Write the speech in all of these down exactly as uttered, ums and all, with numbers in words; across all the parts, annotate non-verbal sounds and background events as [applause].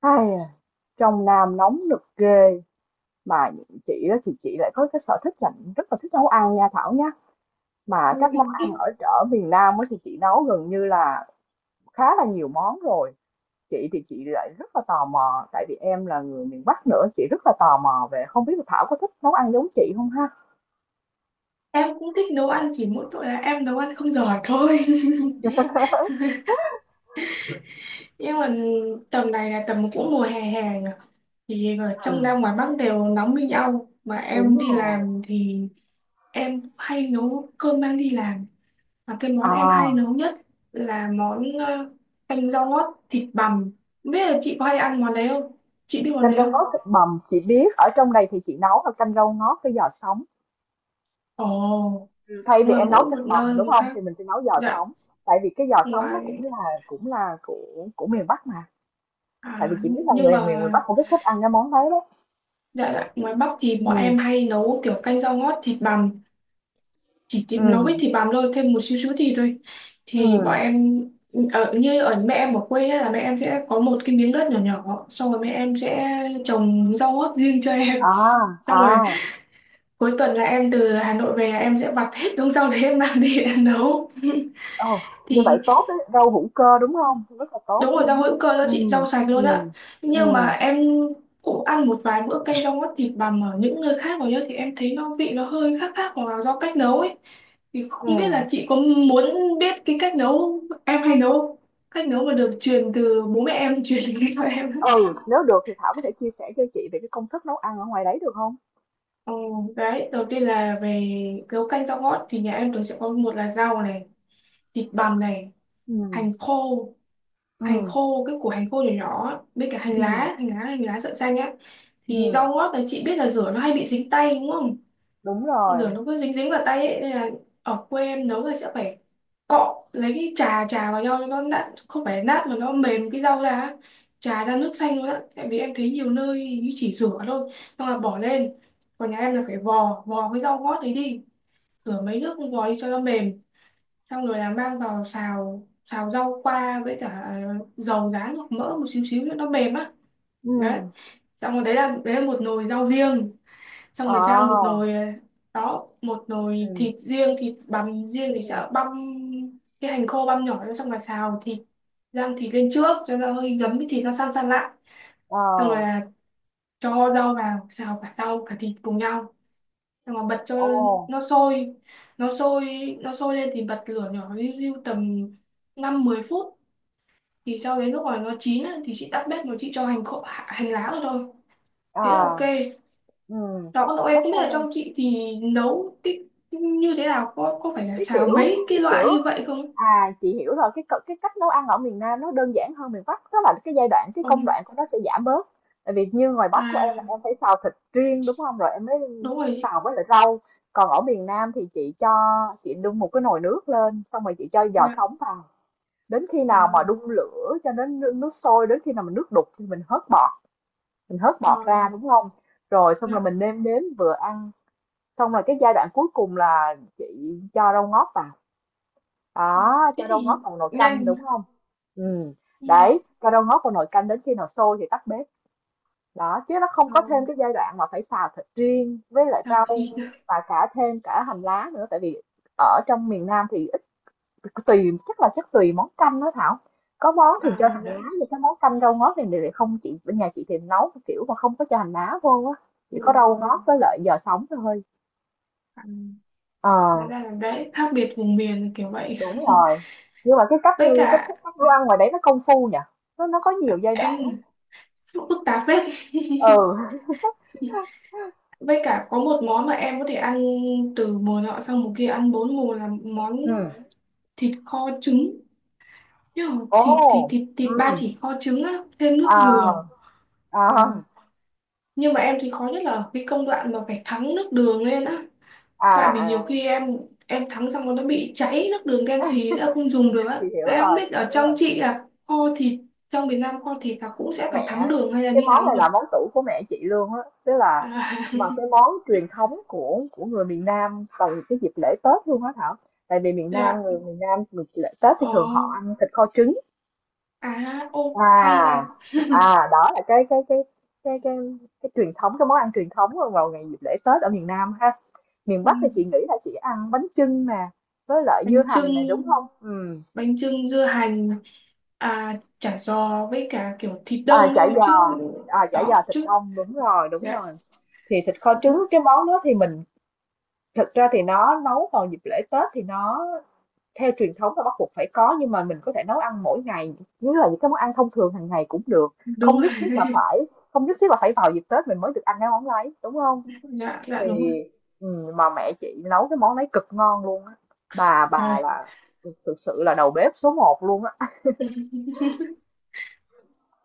Ai à, trong Nam nóng nực ghê, mà những chị đó thì chị lại có cái sở thích là rất là thích nấu ăn nha Thảo nhá. Mà các Ôi, món ăn ở ở miền Nam ấy thì chị nấu gần như là khá là nhiều món rồi. Chị thì chị lại rất là tò mò tại vì em là người miền Bắc nữa, chị rất là tò mò về không biết là Thảo có thích nấu ăn giống chị không ha? em cũng thích nấu ăn chỉ mỗi tội là em nấu ăn không giỏi thôi [laughs] nhưng mà tầm này là tầm cũng mùa hè hè nhỉ? Thì ở trong À, Nam ngoài Bắc đều nóng như nhau mà đúng em đi rồi. làm thì em hay nấu cơm mang đi làm, và cái món em hay À. nấu nhất là món ờ, canh rau ngót thịt bằm. Không biết là chị có hay ăn món đấy không, chị biết món Canh đấy rau không? ngót thịt bằm chị biết, ở trong đây thì chị nấu là canh rau ngót với giò sống. Ồ. Thay Nhưng vì mà em nấu mỗi thịt một bằm nơi đúng một không khác. thì mình sẽ nấu giò Dạ. sống. Tại vì cái giò sống nó cũng ngoài là cũng là của của miền Bắc mà. à, Tại vì chị biết là nhưng người mà, miền miền Bắc cũng rất thích ăn cái món đấy đấy. dạ dạ, ngoài Bắc thì bọn Ừ. em hay nấu kiểu canh rau ngót thịt bằm, chỉ Ừ. thịt, nấu với thịt bằm thôi, thêm một xíu xíu thịt thôi. Ừ. Thì bọn em ở như ở mẹ em ở quê ấy, là mẹ em sẽ có một cái miếng đất nhỏ nhỏ, xong rồi mẹ em sẽ trồng rau ngót riêng cho em. À. [laughs] Xong À. rồi cuối tuần là em từ Hà Nội về, em sẽ vặt hết đống rau đấy em mang đi em nấu. Ồ. [laughs] Như vậy Thì tốt đấy, rau hữu cơ đúng không, rất là tốt đúng rồi, rau luôn á. hữu cơ đó Ừ. chị, rau sạch Ừ. luôn ạ. Ừ. Nhưng mà em cũng ăn một vài bữa canh rau ngót thịt bằm ở những nơi khác rồi nhá, thì em thấy nó vị nó hơi khác khác hoặc là do cách nấu ấy. Thì Ừ. không biết là chị có muốn biết cái cách nấu em hay nấu không? Cách nấu mà được truyền từ bố mẹ em [laughs] truyền đến cho em. Ừ. Nếu được thì Thảo có thể chia sẻ cho chị về cái công thức nấu ăn ở ngoài đấy được không? Ừ, đấy, đầu tiên là về nấu canh rau ngót thì nhà em thường sẽ có một là rau này, thịt bằm này, Ừ. hành khô, Ừ. hành khô cái củ hành khô nhỏ nhỏ á, với cả hành Ừ. lá, hành lá, hành lá sợi xanh á. Thì Ừ. rau ngót đấy chị biết là rửa nó hay bị dính tay đúng không? Đúng Rửa rồi. nó cứ dính dính vào tay ấy, nên là ở quê em nấu là sẽ phải cọ, lấy cái trà trà vào nhau cho nó nát, không phải nát mà nó mềm cái rau ra á. Trà ra nước xanh luôn á, tại vì em thấy nhiều nơi như chỉ rửa thôi xong là bỏ lên, còn nhà em là phải vò vò cái rau ngót đấy đi, rửa mấy nước, vò đi cho nó mềm. Xong rồi là mang vào xào, xào rau qua với cả à, dầu rán hoặc mỡ một xíu xíu nữa nó mềm á. Ừ. Đấy. Xong rồi đấy là đấy là một nồi rau riêng. Xong rồi sang một À. nồi ờ, đó, một nồi Ừ. thịt riêng, thịt bằm riêng thì Ừ. sẽ băm cái hành khô băm nhỏ ra, xong rồi xào thịt, rang thịt lên trước cho nó hơi ngấm, cái thịt nó săn săn lại, Ờ. xong rồi là cho rau vào xào cả rau cả thịt cùng nhau, xong rồi bật cho Ồ. nó sôi, nó sôi, nó sôi lên thì bật lửa nhỏ riu riu tầm năm mười phút, thì sau đấy lúc mà nó chín á, thì chị tắt bếp rồi chị cho hành khô hành lá vào thôi, À. thế là ok. Ừm. Đó, cậu em Bắp không biết là ngô. trong chị thì nấu cái như thế nào, có có phải là Cái xào kiểu mấy cái cái kiểu loại như vậy không? À, chị hiểu rồi, cái c cái cách nấu ăn ở miền Nam nó đơn giản hơn miền Bắc, tức là cái giai đoạn, cái công Ừ. đoạn của nó sẽ giảm bớt. Tại vì như ngoài Bắc của em là À, em phải xào thịt riêng, đúng không? Rồi em mới đúng rồi chị. xào với lại rau. Còn ở miền Nam thì chị cho chị đun một cái nồi nước lên, xong rồi chị cho giò Dạ. sống vào. Đến khi Ờ. nào mà đun lửa cho đến nước nước sôi, đến khi nào mà nước đục thì mình hớt bọt, mình hớt Ờ, bọt ra, đúng không? Rồi xong rồi dạ. mình nêm nếm vừa ăn, xong rồi cái giai đoạn cuối cùng là chị cho rau ngót vào, đó, cho Thế rau thì ngót vào nồi canh nhanh. đúng không? Ừ. Ừ. Đấy, cho rau ngót vào nồi canh đến khi nào sôi thì tắt bếp, đó chứ nó không Ờ, có thêm cái giai đoạn mà phải xào thịt riêng với lại xào rau thịt. và cả thêm cả hành lá nữa, tại vì ở trong miền Nam thì ít. Tùy, chắc là chắc tùy món canh đó Thảo, có món thì cho À, hành dạ. lá nhưng cái món canh rau ngót thì lại không, chị bên nhà chị thì nấu kiểu mà không có cho hành lá vô á, chỉ Ừ. có rau ngót với lại giò sống thôi. À, Ờ. hóa ra là đấy, khác biệt vùng miền là kiểu vậy. Đúng [laughs] rồi, nhưng mà cái cách Với cách cả thức nấu đồ ăn ngoài đấy nó công phu nhỉ? Nó nó có nhiều giai đoạn á. em phức tạp phết. Ừ. [laughs] Với cả có một món mà em có thể ăn từ mùa nọ sang mùa kia, ăn bốn mùa, là món Ừm. thịt kho trứng. Nhưng mà thịt thịt Ồ. thịt thịt ba Ừm. chỉ kho trứng á, thêm nước dừa. À, Ờ. à, Nhưng mà em thì khó nhất là cái công đoạn mà phải thắng nước đường lên á. Tại vì à, nhiều à, khi em em thắng xong nó bị cháy, nước đường đen xì đã không dùng được á. chị hiểu Mà em không rồi, biết chị ở hiểu trong rồi. chị là kho thịt trong miền Nam, kho thịt là cũng sẽ phải thắng Mẹ, đường hay là cái như nào món không này nhỉ? là món tủ của mẹ chị luôn á, tức là À. [laughs] mà cái món truyền thống của của người miền Nam vào cái dịp lễ Tết luôn á Thảo. Tại vì miền Dạ. Nam, người miền Nam, người lễ Tết thì Ờ. thường họ ăn thịt kho trứng. À, ô hay À, ra. à, đó là cái cái cái cái cái cái truyền thống, cái món ăn truyền thống vào ngày dịp lễ Tết ở miền Nam ha. Miền Ừ. Bắc thì chị nghĩ là chị ăn bánh chưng nè, với lại dưa Bánh hành này đúng chưng, không? Ừ. bánh chưng dưa hành, à, chả giò với cả kiểu thịt à đông chả thôi chứ. giò À chả giò Đó thịt chứ. đông, đúng rồi, đúng Dạ rồi. Thì thịt kho trứng đúng, cái món đó thì mình thực ra thì nó nấu vào dịp lễ Tết thì nó theo truyền thống là bắt buộc phải có, nhưng mà mình có thể nấu ăn mỗi ngày như là những cái món ăn thông thường hàng ngày cũng được. Không đúng rồi. nhất thiết là phải Không nhất thiết là phải vào dịp Tết mình mới được ăn cái món đấy đúng không? Dạ dạ Thì, đúng rồi. ừ, mà mẹ chị nấu cái món đấy cực ngon luôn á. Bà bà Trời. là thực sự là đầu bếp số một luôn á. [laughs]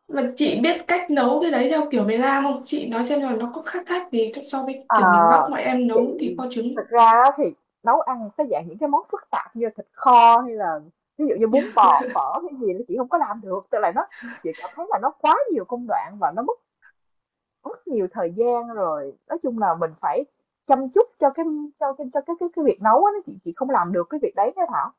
Mà chị biết cách nấu cái đấy theo kiểu miền Nam không, chị nói xem là nó có khác khác gì so với À, kiểu miền Bắc mọi em chị nấu thì kho trứng. thực ra á thì nấu ăn cái dạng những cái món phức tạp như thịt kho hay là ví dụ như bún bò phở cái gì là chị không có làm được, tức là nó chị cảm thấy là nó quá nhiều công đoạn và nó mất mất nhiều thời gian rồi, nói chung là mình phải chăm chút cho cái cho cho, cho cái cái cái việc nấu á, nó chị chị không làm được cái việc đấy nha thảo.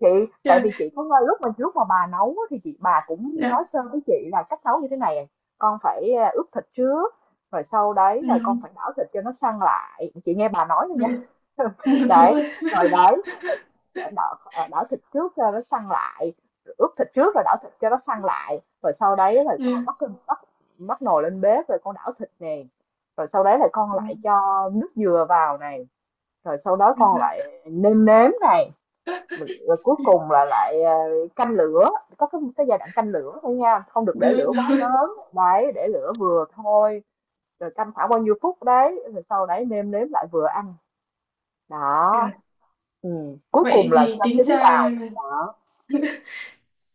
Chị Tại Trời. vì chị có nghe lúc mà lúc mà bà nấu á, thì chị bà cũng nói Dạ. sơ với chị là cách nấu như thế này. Con phải à, ướp thịt trước rồi sau đấy rồi con Ừ, phải đảo thịt cho nó săn lại. Chị nghe bà nói thôi đúng. nha. Ừ, [laughs] đúng Đấy, rồi. rồi đấy [laughs] đảo, đảo thịt trước cho nó săn lại. Rồi ướp thịt trước rồi đảo thịt cho nó săn lại rồi sau đấy rồi con Dạ. bắt bắt bắt nồi lên bếp rồi con đảo thịt nè, rồi sau đấy là con lại cho nước dừa vào này, rồi sau đó con lại nêm nếm này, Dạ. rồi cuối cùng là lại ờ, canh lửa. Có cái, cái giai đoạn canh lửa thôi nha, không được để Được lửa quá rồi. lớn đấy, để lửa vừa thôi. Rồi canh khoảng bao nhiêu phút đấy rồi sau đấy nêm nếm lại vừa ăn. Dạ. Đó. Ừ. Cuối Vậy cùng là thì cho tính trứng ra vào. Đó.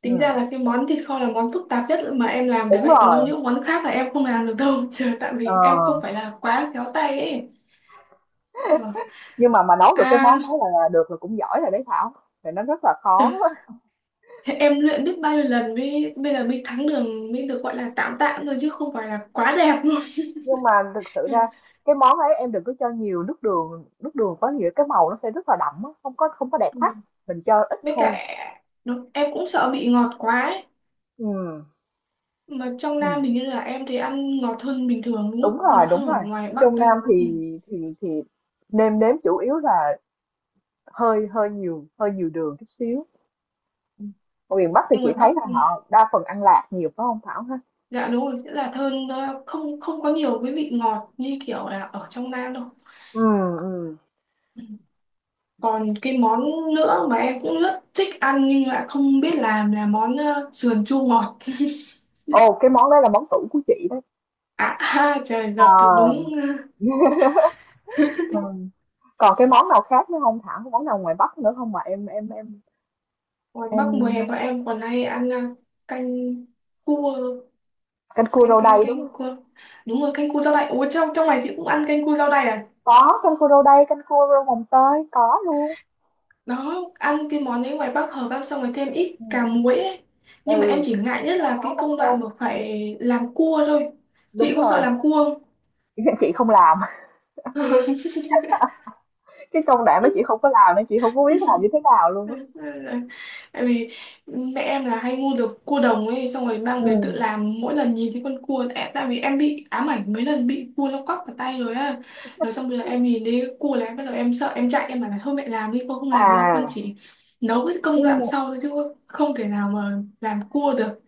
tính ra là Ừ. cái món thịt kho là món phức tạp nhất mà em làm được, Đúng vậy còn đâu rồi. những món khác là em không làm được đâu, trời, tại Ờ. vì em không phải là quá khéo tay ấy. Rồi. Nhưng mà mà nấu được cái à món đó là được là cũng giỏi rồi đấy Thảo, thì nó rất là khó. Thế em luyện biết bao nhiêu lần mới bây giờ mới thắng đường mới được gọi là tạm tạm thôi, chứ không phải là quá đẹp luôn. Nhưng mà thực sự ra [laughs] cái món ấy em đừng có cho nhiều nước đường, nước đường có nhiều cái màu nó sẽ rất là đậm á, không có không có đẹp Ừ. mắt, mình cho ít Với thôi. cả nó, em cũng sợ bị ngọt quá ấy. Ừm, Mà trong Nam mình hình như là em thì ăn ngọt hơn bình thường đúng đúng không? rồi, Ngọt đúng hơn ở rồi. ngoài Bắc Trong đây. Nam Ừ. thì thì thì nêm nếm chủ yếu là hơi hơi nhiều hơi nhiều đường chút xíu. Ở miền Bắc thì Nhưng chị ngoài Bắc, thấy là ừ, họ đa phần ăn lạc nhiều phải không Thảo ha? dạ đúng rồi, nghĩa là thơm, nó không không có nhiều cái vị ngọt như kiểu là ở trong Nam đâu. Ừm. Ừm. Ừ. Còn cái món nữa mà em cũng rất thích ăn nhưng lại không biết làm là món ờ, sườn chua ngọt. Ồ, cái món đấy là món tủ của chị đấy. À. [laughs] Trời, Ờ. gặp được đúng ờ, [laughs] Ừm. Còn cái món nào khác nữa không Thảo? Có món nào ngoài Bắc nữa không mà em em em ngoài Bắc mùa em hè ờ, bọn em còn hay ăn à, canh cua, canh cua canh rau canh đay đúng không? canh cua, đúng rồi, canh cua rau đay. Ủa, trong trong này chị cũng ăn canh cua rau đay à? Có canh cua rau đay, canh cua rau mồng tơi có luôn. Đó, ăn cái món đấy ngoài Bắc hợp, ăn xong rồi thêm ít cà Ừ, muối ấy. Nhưng mà em ừ, chỉ ngại nhất là có cái mắm công đoạn tôm. mà phải làm cua thôi. Đúng Chị có sợ rồi. làm cua [laughs] Chị không làm. không? Cái công đoạn đó chị không có làm nên chị không có biết [laughs] làm như thế nào luôn á. Tại vì mẹ em là hay mua được cua đồng ấy, xong rồi mang Ừ. về tự làm, mỗi lần nhìn thấy con cua, tại, tại vì em bị ám ảnh mấy lần bị cua nó quắp vào tay rồi á. Rồi xong bây giờ em nhìn thấy cua là em bắt đầu em sợ, em chạy, em bảo là thôi mẹ làm đi, con không làm đâu, con À, chỉ nấu cái công nhưng đoạn sau thôi, chứ không thể nào mà làm cua được.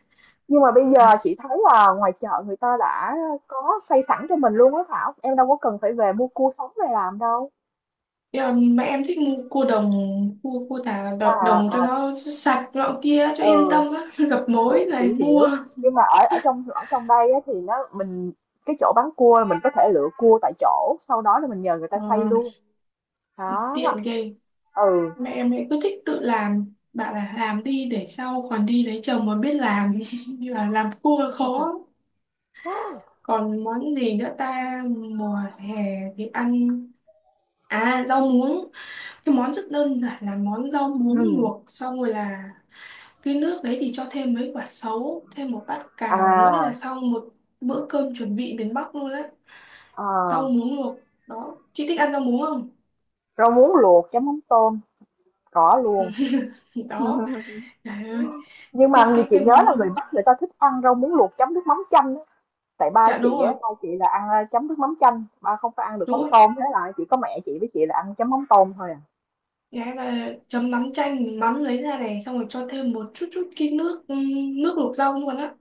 nhưng mà bây giờ chị thấy là ngoài chợ người ta đã có xây sẵn cho mình luôn á Thảo. Em đâu có cần phải về mua cua sống về làm đâu. Nhưng mà mẹ em thích mua cua đồng, cua cua thả đồng, À, đồng mà cho nó sạch nọ kia cho ừ, yên tâm á. [laughs] Gặp thì, mối chị này hiểu. mua Nhưng mà ở ở trong ở trong đây á, thì nó mình cái chỗ bán cua là mình có thể lựa cua tại chỗ, sau đó là mình nhờ người ta ờ, xay luôn. Đó. tiện ghê. Ừ. Mẹ em ấy cứ thích tự làm, bảo là làm đi để sau còn đi lấy chồng mà biết làm. [laughs] Như là làm cua khó. [gasps] Còn món gì nữa ta, mùa hè thì ăn à rau muống. Cái món rất đơn giản là món rau muống Ừ. luộc, xong rồi là cái nước đấy thì cho thêm mấy quả sấu, thêm một bát cà vào nữa, đấy là À, xong một bữa cơm chuẩn bị miền Bắc luôn đấy. Rau à, muống luộc, đó, chị thích ăn rau muống không? rau muống luộc chấm mắm tôm có luôn, [laughs] Đó. Trời ơi. nhưng mà cái như cái chị cái nhớ là người món, Bắc người ta thích ăn rau muống luộc chấm nước mắm chanh á. Tại ba dạ đúng chị á, rồi, ba chị là ăn ờ, chấm nước mắm chanh, ba không có ăn được đúng mắm rồi. tôm, thế là chỉ có mẹ chị với chị là ăn chấm mắm tôm thôi. À. Đấy, và chấm mắm chanh, mình mắm lấy ra này, xong rồi cho thêm một chút chút cái nước, ừm, nước luộc rau luôn á,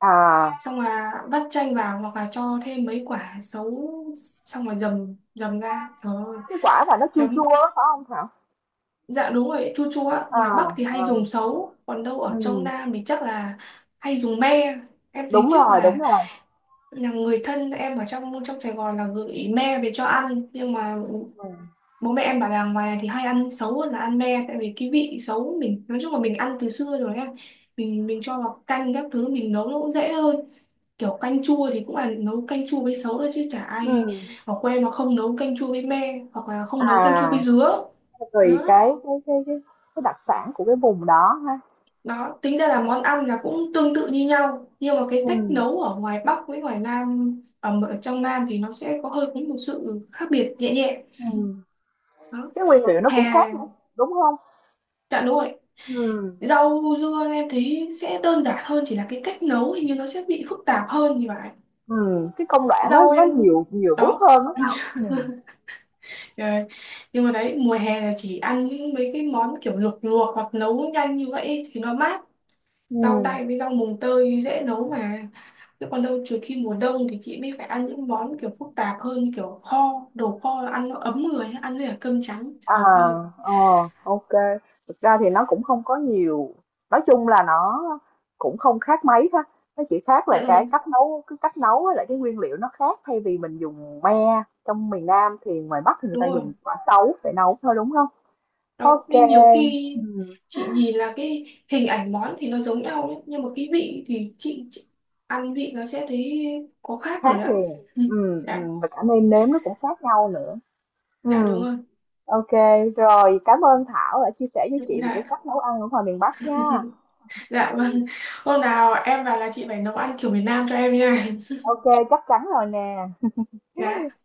À. xong là vắt chanh vào hoặc là cho thêm mấy quả sấu, xong rồi dầm dầm ra, trời ơi. Cái quả mà nó chua chua Chấm. á phải không Thảo? Dạ đúng rồi, chua chua á, À, ngoài Bắc thì hay dùng à, sấu còn đâu ở trong ừ, Nam thì chắc là hay dùng me. Em thấy đúng trước rồi, đúng là rồi. là người thân em ở trong trong Sài Gòn là gửi me về cho ăn, nhưng mà bố mẹ em bảo là ngoài này thì hay ăn xấu hơn là ăn me, tại vì cái vị xấu mình nói chung là mình ăn từ xưa rồi em, mình mình cho vào canh các thứ mình nấu nó cũng dễ hơn. Kiểu canh chua thì cũng là nấu canh chua với xấu thôi, chứ chả Ừ. ai ở quê mà không nấu canh chua với me, hoặc là không nấu canh chua với À, dứa. tùy Đó. cái cái cái cái cái đặc sản của cái vùng đó ha. Đó, tính ra là món ăn là cũng tương tự như nhau, nhưng mà cái Ừ. cách nấu ở ngoài Bắc với ngoài Nam, ở, ở trong Nam thì nó sẽ có hơi có một sự khác biệt nhẹ nhẹ. Ừ. Đó. Cái nguyên liệu nó Hè. cũng khác nữa đúng không? Dạ đúng rồi. Ừ. Rau dưa em thấy sẽ đơn giản hơn, chỉ là cái cách nấu hình như nó sẽ bị phức tạp hơn thì phải. Ừ. Cái công đoạn nó Rau nó em, nhiều nhiều bước đó. hơn đó Thảo. Ừ. Ờ, nhưng mà đấy mùa hè là chỉ ăn những mấy cái món kiểu luộc luộc hoặc nấu nhanh như vậy ấy thì nó mát. Ừ. Rau đay với rau mùng tơi dễ nấu mà. Chứ còn đâu trừ khi mùa đông thì chị mới phải ăn những món kiểu phức tạp hơn, kiểu kho, đồ kho, ăn nó ấm người, ăn với cả cơm trắng. À. Trời ơi. Ờ. OK. Thực ra thì nó cũng không có nhiều, nói chung là nó cũng không khác mấy ha, nó chỉ khác là Dạ cái đúng, cách nấu cái cách nấu với lại cái nguyên liệu nó khác, thay vì mình dùng me trong miền Nam thì ngoài Bắc thì người đúng ta dùng rồi. quả sấu để nấu thôi, đúng không? Đó OK. nên nhiều khi Ừm. chị nhìn là cái hình ảnh món thì nó giống nhau đấy, nhưng mà cái vị thì chị, chị ăn vị nó sẽ thấy có khác rồi Khác đó. liền. Ừ, Ừm. dạ Ừm. Và cả nêm nếm nó cũng khác nhau nữa. dạ đúng Ừm. rồi, OK, rồi, cảm ơn Thảo đã chia sẻ với chị về cái dạ cách nấu ăn ở ngoài miền Bắc nha. dạ vâng. Hôm nào em vào là chị phải nấu ăn kiểu miền Nam cho em nha. OK, chắc chắn rồi nè. Dạ.